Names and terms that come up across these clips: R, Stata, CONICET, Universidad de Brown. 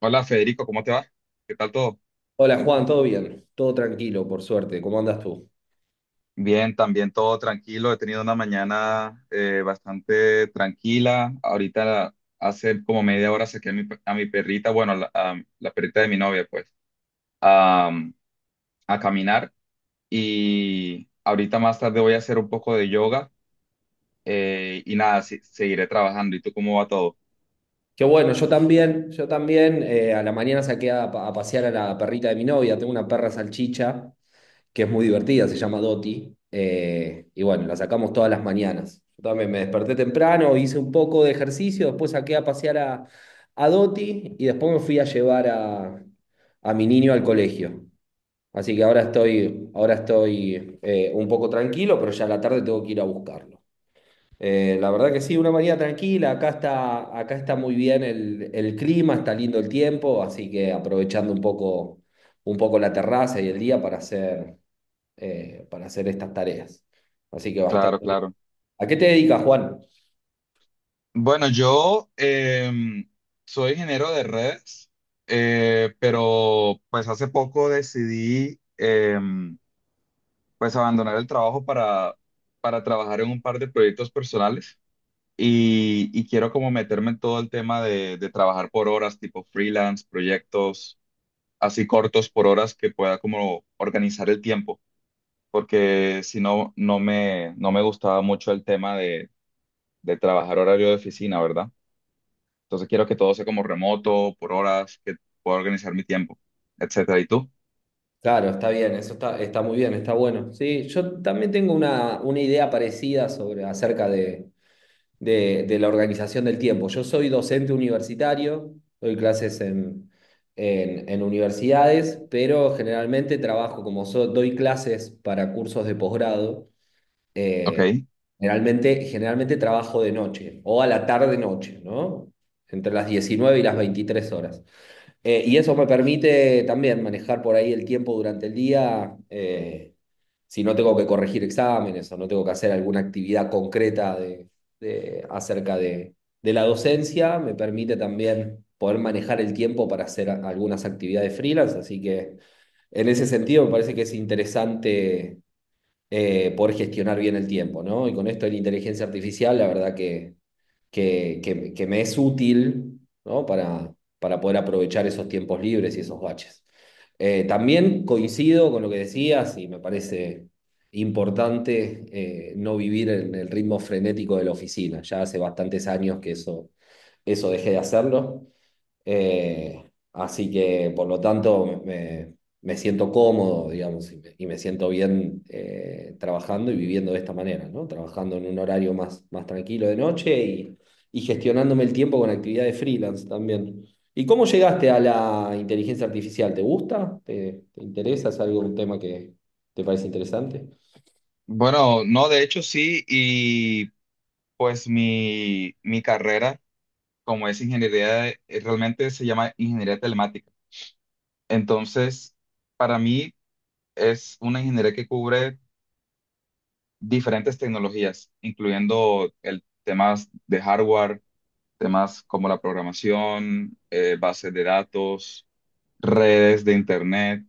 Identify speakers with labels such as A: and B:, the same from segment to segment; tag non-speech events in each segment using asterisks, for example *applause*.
A: Hola Federico, ¿cómo te va? ¿Qué tal todo?
B: Hola Juan, ¿todo bien? Todo tranquilo, por suerte. ¿Cómo andas tú?
A: Bien, también todo tranquilo. He tenido una mañana bastante tranquila. Ahorita hace como media hora saqué a mi perrita, bueno, a la perrita de mi novia, pues, a, a caminar. Y ahorita más tarde voy a hacer un poco de yoga, y nada, seguiré trabajando. ¿Y tú cómo va todo?
B: Qué bueno, yo también, yo también. A la mañana saqué a, a pasear a la perrita de mi novia. Tengo una perra salchicha que es muy divertida, se llama Doti. Y bueno, la sacamos todas las mañanas. Yo también me desperté temprano, hice un poco de ejercicio, después saqué a pasear a Doti y después me fui a llevar a mi niño al colegio. Así que ahora estoy un poco tranquilo, pero ya a la tarde tengo que ir a buscarlo. La verdad que sí, una mañana tranquila, acá está muy bien el clima, está lindo el tiempo, así que aprovechando un poco la terraza y el día para hacer estas tareas. Así que
A: Claro,
B: bastante bien.
A: claro.
B: ¿A qué te dedicas, Juan?
A: Bueno, yo soy ingeniero de redes, pero pues hace poco decidí pues abandonar el trabajo para trabajar en un par de proyectos personales y quiero como meterme en todo el tema de trabajar por horas, tipo freelance, proyectos así cortos por horas que pueda como organizar el tiempo, porque si no, no me gustaba mucho el tema de trabajar horario de oficina, ¿verdad? Entonces quiero que todo sea como remoto, por horas, que pueda organizar mi tiempo, etcétera. ¿Y tú?
B: Claro, está bien, está muy bien, está bueno. Sí, yo también tengo una idea parecida acerca de la organización del tiempo. Yo soy docente universitario, doy clases en, en universidades, pero generalmente trabajo como doy clases para cursos de posgrado, eh,
A: Ok.
B: generalmente, generalmente trabajo de noche o a la tarde-noche, ¿no? Entre las 19 y las 23 horas. Y eso me permite también manejar por ahí el tiempo durante el día, si no tengo que corregir exámenes o no tengo que hacer alguna actividad concreta de, acerca de la docencia, me permite también poder manejar el tiempo para hacer algunas actividades freelance. Así que en ese sentido me parece que es interesante poder gestionar bien el tiempo, ¿no? Y con esto de la inteligencia artificial, la verdad que, que me es útil, ¿no? Para poder aprovechar esos tiempos libres y esos baches. También coincido con lo que decías y me parece importante no vivir en el ritmo frenético de la oficina. Ya hace bastantes años que eso dejé de hacerlo. Eh, Así que, por lo tanto, me siento cómodo, digamos, y me siento bien trabajando y viviendo de esta manera, ¿no? Trabajando en un horario más tranquilo de noche y gestionándome el tiempo con actividades freelance también. ¿Y cómo llegaste a la inteligencia artificial? ¿Te gusta? ¿Te interesa? ¿Es algo, un tema que te parece interesante?
A: Bueno, no, de hecho sí, y pues mi carrera, como es ingeniería, realmente se llama ingeniería telemática. Entonces, para mí es una ingeniería que cubre diferentes tecnologías, incluyendo el temas de hardware, temas como la programación, bases de datos, redes de internet.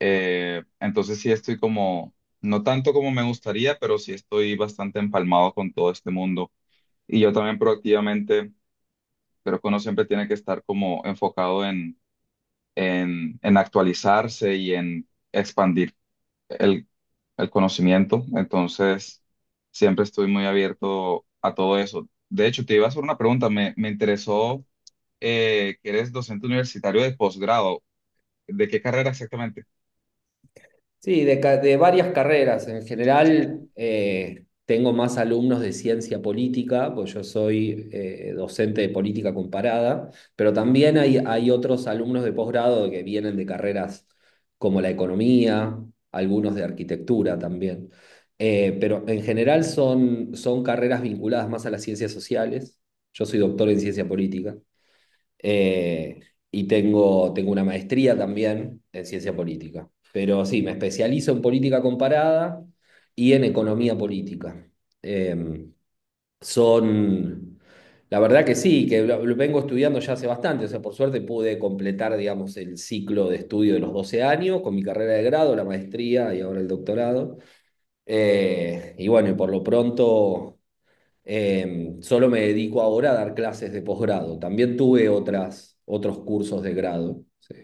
A: Entonces sí estoy como, no tanto como me gustaría, pero sí estoy bastante empalmado con todo este mundo. Y yo también proactivamente creo que uno siempre tiene que estar como enfocado en actualizarse y en expandir el, el conocimiento. Entonces siempre estoy muy abierto a todo eso. De hecho, te iba a hacer una pregunta. Me interesó que eres docente universitario de posgrado. ¿De qué carrera exactamente?
B: Sí, de, de varias carreras. En general, tengo más alumnos de ciencia política, pues yo soy docente de política comparada, pero también hay otros alumnos de posgrado que vienen de carreras como la economía, algunos de arquitectura también. Pero en general son carreras vinculadas más a las ciencias sociales. Yo soy doctor en ciencia política. Eh, y tengo, tengo una maestría también en ciencia política. Pero sí, me especializo en política comparada y en economía política. Eh, Son, la verdad que sí, que lo vengo estudiando ya hace bastante. O sea, por suerte pude completar, digamos, el ciclo de estudio de los 12 años con mi carrera de grado, la maestría y ahora el doctorado. Y bueno, y por lo pronto solo me dedico ahora a dar clases de posgrado. También tuve otros cursos de grado, sí.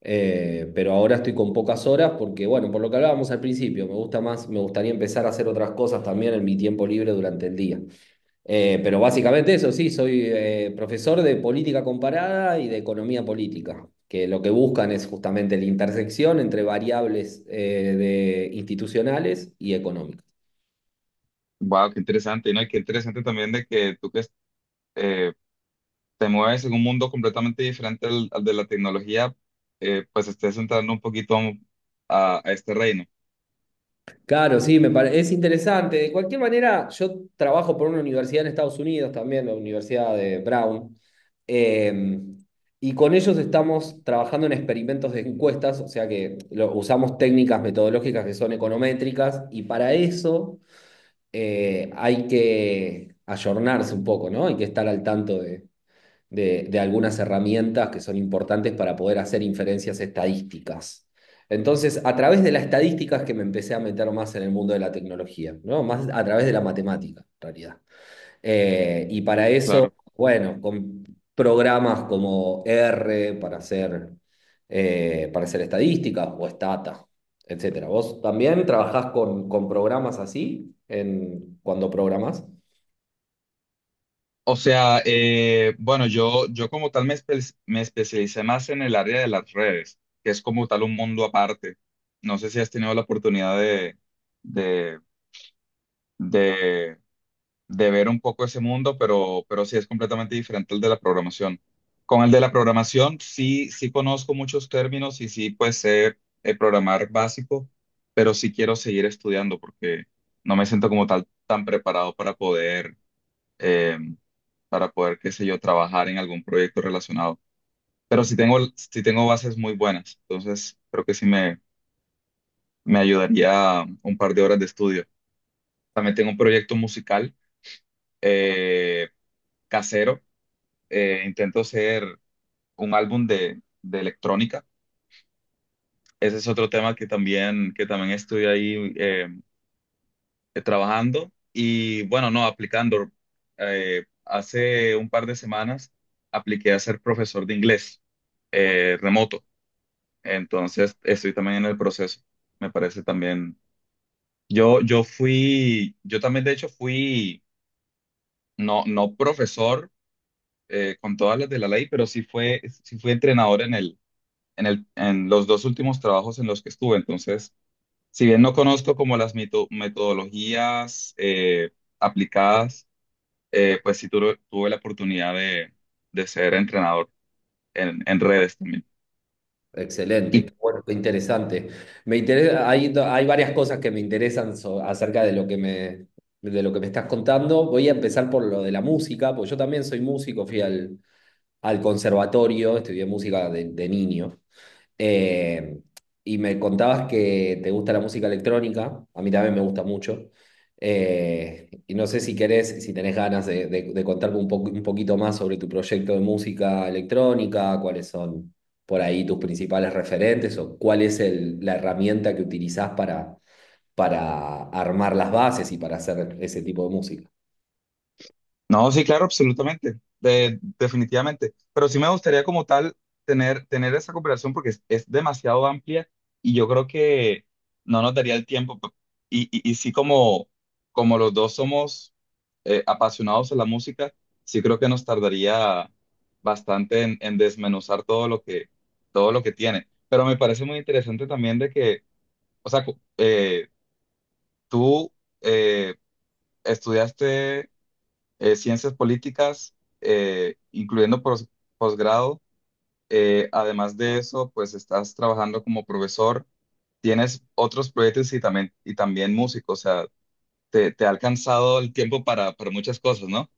B: Pero ahora estoy con pocas horas porque, bueno, por lo que hablábamos al principio, me gusta más, me gustaría empezar a hacer otras cosas también en mi tiempo libre durante el día. Pero básicamente eso, sí, soy profesor de política comparada y de economía política, que lo que buscan es justamente la intersección entre variables de institucionales y económicas.
A: Wow, qué interesante, ¿no? Y qué interesante también de que tú que eh, te mueves en un mundo completamente diferente al de la tecnología, pues estés entrando un poquito a este reino,
B: Claro, sí, es interesante. De cualquier manera, yo trabajo por una universidad en Estados Unidos también, la Universidad de Brown, eh, y con ellos estamos trabajando en experimentos de encuestas, o sea que usamos técnicas metodológicas que son econométricas, y para eso hay que ayornarse un poco, ¿no? Hay que estar al tanto de de algunas herramientas que son importantes para poder hacer inferencias estadísticas. Entonces, a través de las estadísticas que me empecé a meter más en el mundo de la tecnología, ¿no? Más a través de la matemática, en realidad. Y para eso,
A: claro.
B: bueno, con programas como R para hacer estadísticas o Stata, etcétera. ¿Vos también trabajás con programas así en, cuando programás?
A: O sea, bueno, yo como tal me especialicé más en el área de las redes, que es como tal un mundo aparte. No sé si has tenido la oportunidad de, de de ver un poco ese mundo, pero sí es completamente diferente al de la programación. Con el de la programación sí, sí conozco muchos términos y sí pues sé programar básico, pero sí quiero seguir estudiando porque no me siento como tal tan preparado eh, para poder, qué sé yo, trabajar en algún proyecto relacionado. Pero sí tengo bases muy buenas, entonces creo que sí me ayudaría un par de horas de estudio. También tengo un proyecto musical eh, casero, intento hacer un álbum de electrónica. Ese es otro tema que también estoy ahí trabajando y bueno, no, aplicando. Hace un par de semanas apliqué a ser profesor de inglés remoto, entonces estoy también en el proceso. Me parece también, yo también de hecho fui, no profesor con todas las de la ley, pero sí fui entrenador en el en los dos últimos trabajos en los que estuve. Entonces, si bien no conozco como las metodologías aplicadas, pues sí tuve la oportunidad de ser entrenador en redes también.
B: Excelente,
A: Y
B: qué bueno, qué interesante. Me interesa, hay varias cosas que me interesan acerca de lo que de lo que me estás contando. Voy a empezar por lo de la música, porque yo también soy músico, fui al, al conservatorio, estudié música de niño. Eh, y me contabas que te gusta la música electrónica, a mí también me gusta mucho. Y no sé si querés, si tenés ganas de, de contarme un poquito más sobre tu proyecto de música electrónica, cuáles son por ahí tus principales referentes o cuál es la herramienta que utilizás para armar las bases y para hacer ese tipo de música.
A: no, sí, claro, absolutamente, definitivamente. Pero sí me gustaría como tal tener esa cooperación porque es demasiado amplia y yo creo que no nos daría el tiempo. Y, y sí como, como los dos somos apasionados a la música, sí creo que nos tardaría bastante en desmenuzar todo lo que tiene. Pero me parece muy interesante también de que, o sea, tú eh, estudiaste ciencias políticas, incluyendo posgrado. Además de eso, pues estás trabajando como profesor, tienes otros proyectos y también músico, o sea, te ha alcanzado el tiempo para muchas cosas, ¿no?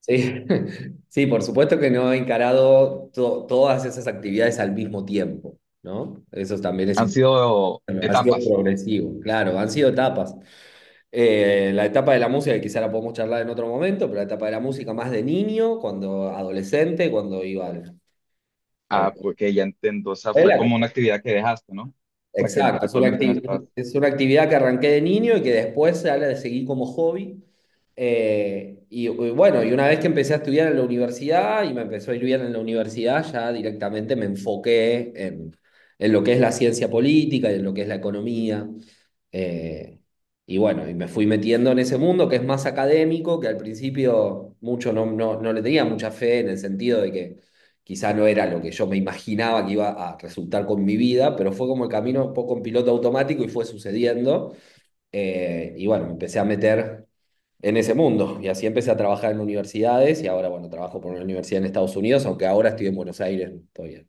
B: Sí, *laughs* sí, por supuesto que no he encarado todas esas actividades al mismo tiempo, ¿no? Eso también es
A: Han sido
B: bueno, ha sido
A: etapas.
B: progresivo, claro, han sido etapas. La etapa de la música, que quizá la podemos charlar en otro momento, pero la etapa de la música más de niño, cuando adolescente, cuando iba a la
A: Ah, porque ya entiendo, o sea, fue
B: escuela.
A: como una actividad que dejaste, ¿no? O sea, que
B: Exacto, es una,
A: actualmente no estás.
B: es una actividad que arranqué de niño y que después se la seguí como hobby. Y, y bueno, y una vez que empecé a estudiar en la universidad y me empezó a ir bien en la universidad, ya directamente me enfoqué en lo que es la ciencia política y en lo que es la economía. Eh, y bueno, y me fui metiendo en ese mundo que es más académico, que al principio mucho no, no le tenía mucha fe en el sentido de que quizá no era lo que yo me imaginaba que iba a resultar con mi vida, pero fue como el camino un poco en piloto automático y fue sucediendo. Y bueno, me empecé a meter en ese mundo. Y así empecé a trabajar en universidades y ahora, bueno, trabajo por una universidad en Estados Unidos, aunque ahora estoy en Buenos Aires todavía.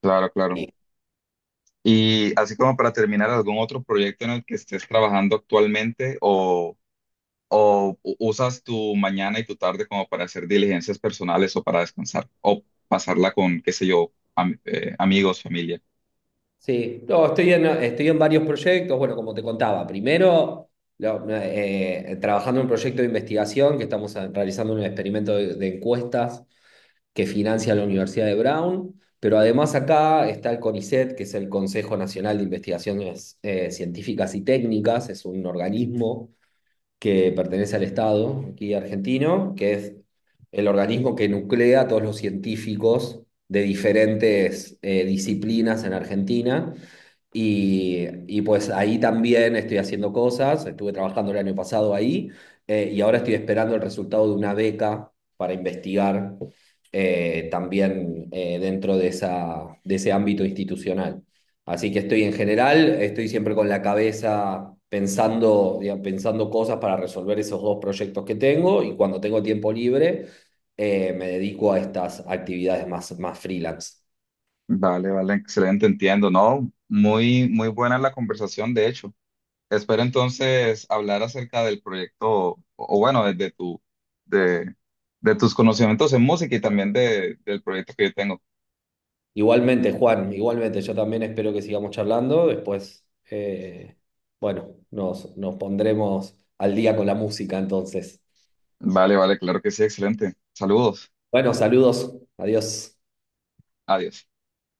A: Claro, claro. Y así como para terminar, ¿algún otro proyecto en el que estés trabajando actualmente o ¿O usas tu mañana y tu tarde como para hacer diligencias personales o para descansar? ¿O pasarla con, qué sé yo, amigos, familia?
B: Sí, no, estoy en varios proyectos, bueno, como te contaba, primero trabajando en un proyecto de investigación que estamos realizando un experimento de encuestas que financia la Universidad de Brown, pero además acá está el CONICET, que es el Consejo Nacional de Investigaciones Científicas y Técnicas, es un organismo que pertenece al Estado aquí argentino, que es el organismo que nuclea a todos los científicos de diferentes disciplinas en Argentina y pues ahí también estoy haciendo cosas, estuve trabajando el año pasado ahí y ahora estoy esperando el resultado de una beca para investigar también dentro de de ese ámbito institucional. Así que estoy en general, estoy siempre con la cabeza pensando, digamos, pensando cosas para resolver esos dos proyectos que tengo y cuando tengo tiempo libre me dedico a estas actividades más freelance.
A: Vale, vale, excelente, entiendo, ¿no? Muy, muy buena la conversación, de hecho. Espero entonces hablar acerca del proyecto, o bueno, de tu, de, de tus conocimientos en música y también de, del proyecto que yo tengo.
B: Igualmente, Juan, igualmente, yo también espero que sigamos charlando. Después, bueno, nos pondremos al día con la música entonces.
A: Vale, vale, claro que sí, excelente. Saludos,
B: Bueno, saludos, adiós.
A: adiós.